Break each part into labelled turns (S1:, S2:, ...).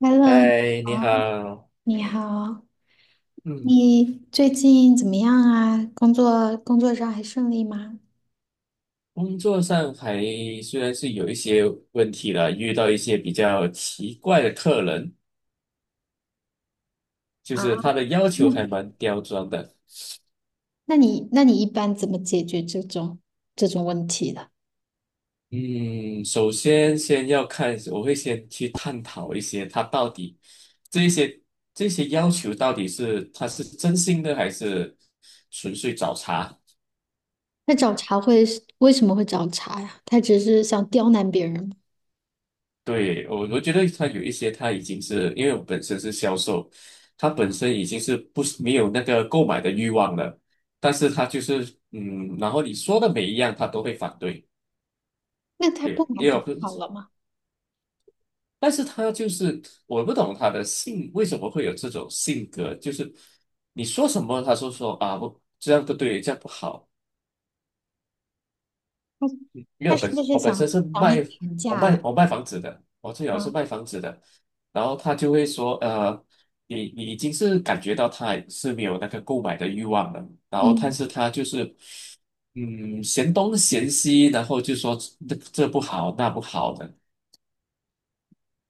S1: Hello，你
S2: 嗨，
S1: 好，
S2: 你好。
S1: 你好
S2: 嗯，
S1: 你最近怎么样啊？工作上还顺利吗？
S2: 工作上还虽然是有一些问题了，遇到一些比较奇怪的客人，就
S1: 啊，
S2: 是他的要求
S1: 那
S2: 还蛮刁钻的。
S1: 那你一般怎么解决这种问题的？
S2: 嗯，首先先要看，我会先去探讨一些他到底这些这些要求到底是他是真心的还是纯粹找茬。
S1: 那找茬会是为什么会找茬呀？他只是想刁难别人吗？
S2: 对，我觉得他有一些，他已经是因为我本身是销售，他本身已经是不是没有那个购买的欲望了，但是他就是嗯，然后你说的每一样他都会反对。
S1: 那他不
S2: 对，
S1: 买
S2: 也
S1: 不
S2: 有，
S1: 就好了吗？
S2: 但是他就是我不懂他的性为什么会有这种性格，就是你说什么他说说啊不，这样不对，这样不好。
S1: 他
S2: 因为
S1: 他
S2: 我
S1: 是
S2: 本
S1: 不是
S2: 我本身
S1: 想
S2: 是
S1: 找你
S2: 卖
S1: 砍
S2: 我
S1: 价
S2: 卖
S1: 了？
S2: 我卖房子的，我最早是
S1: 啊，
S2: 卖房子的。然后他就会说，你已经是感觉到他是没有那个购买的欲望了，然后但
S1: 嗯，
S2: 是他就是嗯，嫌东嫌西，然后就说这不好那不好的，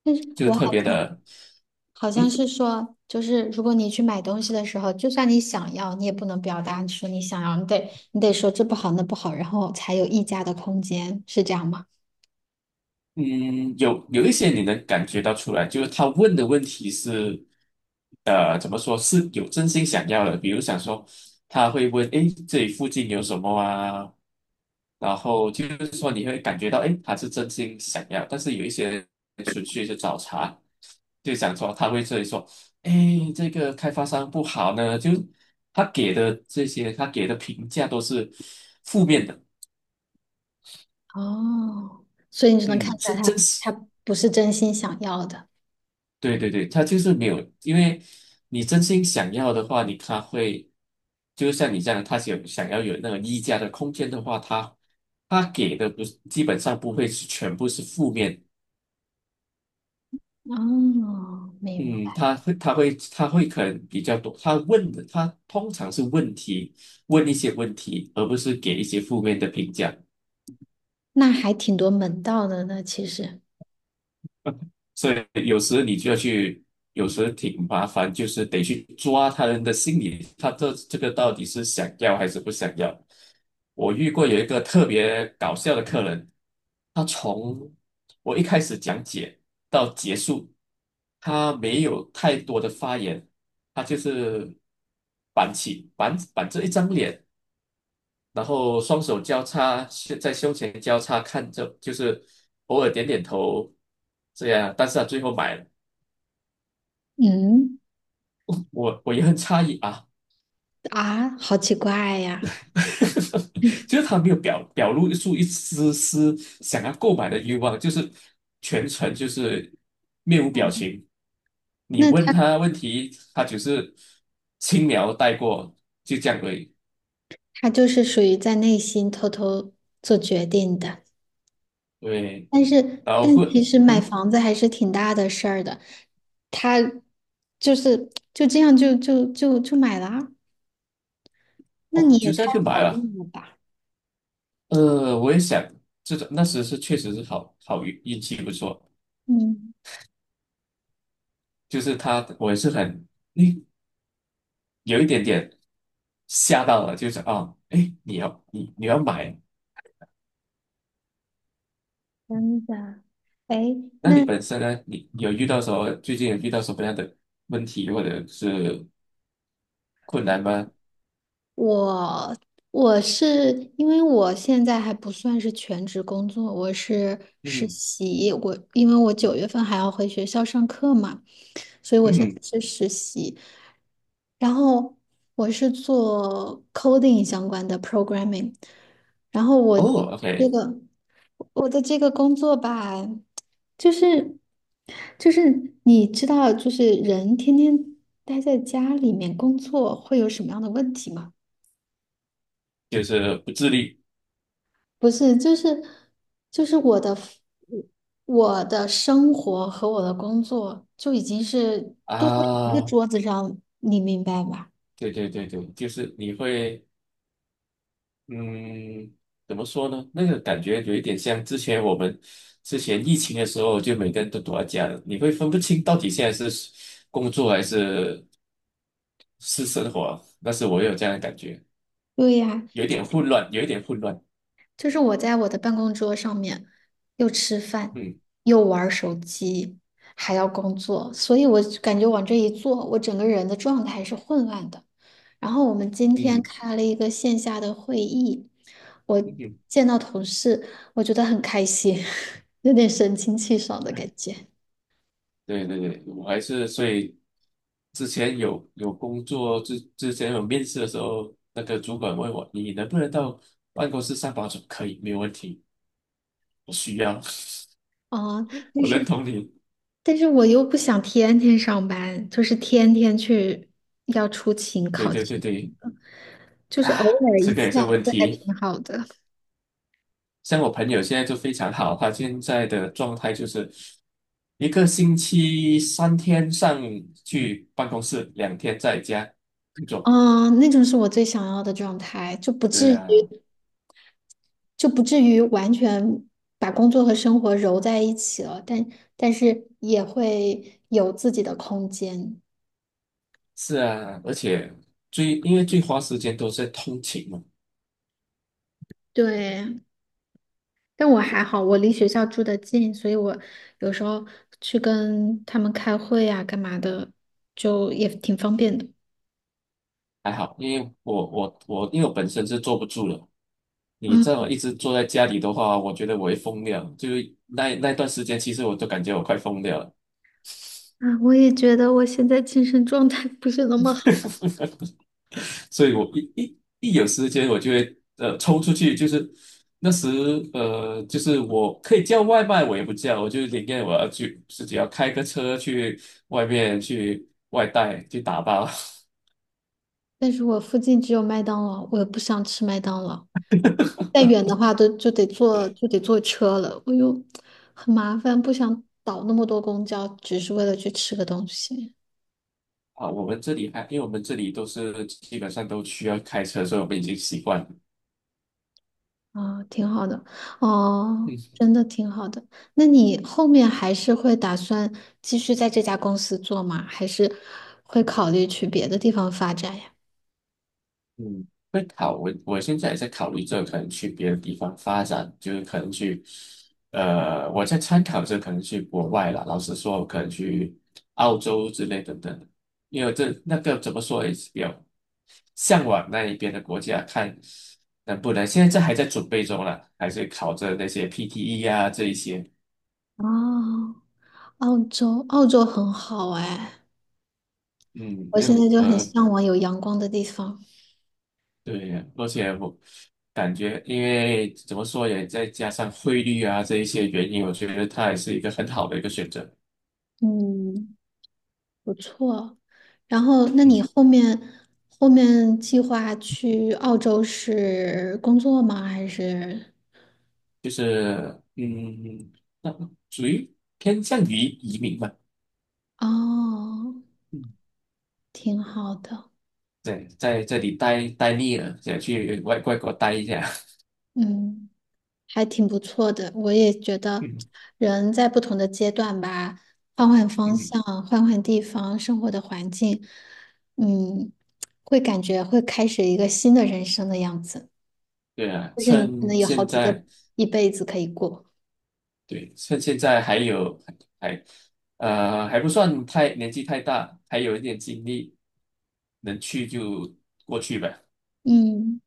S1: 但是
S2: 就
S1: 我
S2: 特
S1: 好
S2: 别
S1: 像
S2: 的。
S1: 好像
S2: 嗯。
S1: 是说，就是如果你去买东西的时候，就算你想要，你也不能表达说你想要，你得说这不好那不好，然后才有议价的空间，是这样吗？
S2: 嗯，有一些你能感觉到出来，就是他问的问题是，怎么说是有真心想要的。比如想说，他会问，诶，这里附近有什么啊？然后就是说你会感觉到，诶，他是真心想要。但是有一些人纯粹是找茬，就想说他会这里说，诶，这个开发商不好呢，就他给的这些，他给的评价都是负面的。
S1: 哦，所以你就能看
S2: 嗯，
S1: 出来
S2: 是真
S1: 他
S2: 实。
S1: 他不是真心想要的。
S2: 对对对，他就是没有，因为你真心想要的话，你他会，就像你这样，他想想要有那个溢价的空间的话，他他给的不是基本上不会是全部是负面。
S1: 哦，明
S2: 嗯，
S1: 白。
S2: 他会可能比较多，他问的他通常是问题，问一些问题，而不是给一些负面的评价。
S1: 那还挺多门道的呢，其实。
S2: 所以有时你就要去，有时挺麻烦，就是得去抓他人的心理，他这个到底是想要还是不想要。我遇过有一个特别搞笑的客人，他从我一开始讲解到结束，他没有太多的发言，他就是板起板板着一张脸，然后双手交叉胸在胸前交叉看着，就是偶尔点点头这样，但是他最后买了。
S1: 嗯
S2: 我也很诧异啊。
S1: 啊，好奇怪呀。
S2: 就是他没有表露出一丝丝想要购买的欲望，就是全程就是面无表情。你
S1: 那
S2: 问
S1: 他
S2: 他问题，他只是轻描带过，就这样而已。
S1: 他就是属于在内心偷偷做决定的。
S2: 对，
S1: 但是，
S2: 然后
S1: 但
S2: 会
S1: 其实买
S2: 嗯，
S1: 房子还是挺大的事儿的，他就是就这样就买了啊，那
S2: 哦，
S1: 你也
S2: 就这
S1: 太
S2: 样就买
S1: 好
S2: 了。
S1: 运了吧？
S2: 我也想这种那时是确实是好，好运气不错，
S1: 嗯，
S2: 就是他我也是很，诶，有一点点吓到了，就是啊，哎，你要，你要买。
S1: 真的。哎，
S2: 那你
S1: 那
S2: 本身呢，你有遇到什么，最近有遇到什么样的问题或者是困难吗？
S1: 我我是因为我现在还不算是全职工作，我是实
S2: 嗯。
S1: 习，我因为我九月份还要回学校上课嘛。所以我现在
S2: 嗯。
S1: 是实习，然后我是做 coding 相关的 programming,然后我
S2: 哦
S1: 这
S2: ，OK,
S1: 个我的这个工作吧，就是就是你知道，就是人天天待在家里面工作会有什么样的问题吗？
S2: 就是不自律
S1: 不是就是我的生活和我的工作就已经是都在一个
S2: 啊。
S1: 桌子上，你明白吧？
S2: 对对对对，就是你会嗯，怎么说呢？那个感觉有一点像之前我们之前疫情的时候，就每个人都躲在家了，你会分不清到底现在是工作还是是生活。但是我有这样的感觉，
S1: 对呀，
S2: 有一点混乱，有一点混乱。
S1: 就是我在我的办公桌上面又吃饭，
S2: 嗯。
S1: 又玩手机，还要工作，所以我就感觉往这一坐，我整个人的状态是混乱的。然后我们今天
S2: 嗯。
S1: 开了一个线下的会议，我
S2: 嗯。
S1: 见到同事，我觉得很开心，有点神清气爽的感觉。
S2: 对对对，我还是所以之前有工作之前有面试的时候，那个主管问我你能不能到办公室上班？我说可以，没有问题，我需要。
S1: 哦，但
S2: 我认
S1: 是
S2: 同你。
S1: 但是我又不想天天上班，就是天天去要出勤
S2: 对
S1: 考
S2: 对对
S1: 勤。
S2: 对。
S1: 就是偶
S2: 啊，
S1: 尔
S2: 这
S1: 一
S2: 个
S1: 次
S2: 也是
S1: 两
S2: 问
S1: 次还
S2: 题。
S1: 挺好的。
S2: 像我朋友现在就非常好，他现在的状态就是一个星期三天上去办公室，两天在家。
S1: 嗯，那种是我最想要的状态，就不至
S2: 对
S1: 于
S2: 啊。
S1: 就不至于完全把工作和生活揉在一起了，但是也会有自己的空间。
S2: 是啊，而且最因为最花时间都是在通勤嘛。
S1: 对，但我还好，我离学校住的近，所以我有时候去跟他们开会呀、干嘛的，就也挺方便的。
S2: 还好，因为我因为我本身是坐不住了。你
S1: 嗯
S2: 这么一直坐在家里的话，我觉得我会疯掉。就是那那段时间，其实我都感觉我快疯掉了。
S1: 啊，我也觉得我现在精神状态不是那么好。
S2: 所以我一有时间，我就会抽出去，就是那时就是我可以叫外卖，我也不叫，我就宁愿我要去自己要开个车去外面去外带去打包。
S1: 但是我附近只有麦当劳，我又不想吃麦当劳。再远的话都就得坐车了，我又很麻烦，不想倒那么多公交，只是为了去吃个东西。
S2: 啊。我们这里还因为我们这里都是基本上都需要开车，所以我们已经习惯了。
S1: 啊，挺好的，哦，真的挺好的。那你后面还是会打算继续在这家公司做吗？还是会考虑去别的地方发展呀？
S2: 嗯，我现在也在考虑这个可能去别的地方发展，就是可能去，我在参考着可能去国外了。老实说，我可能去澳洲之类等等，因为这那个怎么说也是比较向往那一边的国家，看能不能。现在这还在准备中了，还是考着那些 PTE 啊这一些。
S1: 哦，澳洲，澳洲很好哎，
S2: 嗯，
S1: 我
S2: 没
S1: 现
S2: 有，
S1: 在就很向往有阳光的地方。
S2: 对，呀，而且我感觉，因为怎么说也再加上汇率啊这一些原因，我觉得它也是一个很好的一个选择。
S1: 嗯。不错。然后，那你
S2: 嗯，
S1: 后面计划去澳洲是工作吗？还是？
S2: 就是嗯，那属于偏向于移民嘛。
S1: 哦，
S2: 嗯，
S1: 挺好的，
S2: 对，在这里待腻了，想去外国待一下。
S1: 嗯，还挺不错的。我也觉 得，
S2: 嗯。
S1: 人在不同的阶段吧，换换方
S2: 嗯，
S1: 向，换换地方，生活的环境，嗯，会感觉会开始一个新的人生的样子。
S2: 对啊，
S1: 就是你可
S2: 趁
S1: 能有好
S2: 现
S1: 几个
S2: 在，
S1: 一辈子可以过，
S2: 对，趁现在还有还还不算太年纪太大，还有一点精力，能去就过去吧。
S1: 嗯，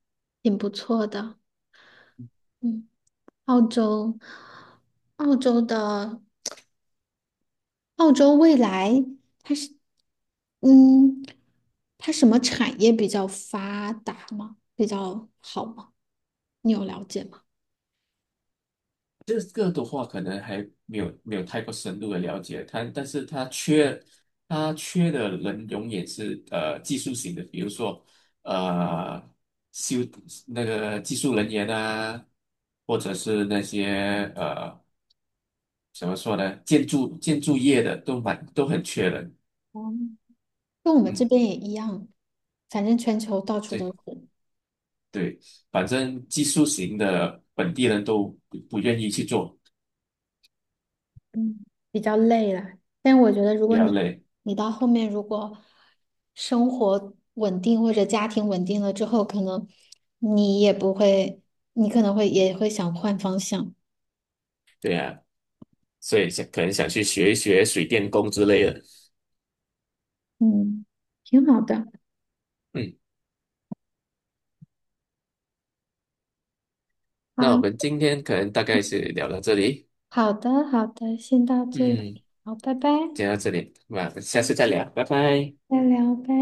S1: 挺不错的，嗯。澳洲，澳洲的澳洲未来，嗯，它什么产业比较发达吗？比较好吗？你有了解吗？
S2: 这个的话，可能还没有太过深入的了解它，但是它缺的人永远是技术型的，比如说呃修那个技术人员啊，或者是那些怎么说呢，建筑业的都蛮都很缺人。
S1: 嗯，跟我们这
S2: 嗯，
S1: 边也一样，反正全球到处
S2: 对
S1: 都是，
S2: 对，反正技术型的本地人都不愿意去做，
S1: 嗯，比较累了。但我觉得，如
S2: 比
S1: 果
S2: 较
S1: 你
S2: 累。
S1: 你到后面如果生活稳定或者家庭稳定了之后，可能你也不会，你可能会也会想换方向，
S2: 对啊，所以想可能想去学一学水电工之类的。
S1: 嗯，挺好的。
S2: 嗯。那我们
S1: 好，
S2: 今天可能大概是聊到这里，
S1: 好的，好的，先到这
S2: 嗯，
S1: 里，好，拜拜，
S2: 讲到这里，那下次再聊，拜拜。
S1: 再聊，拜。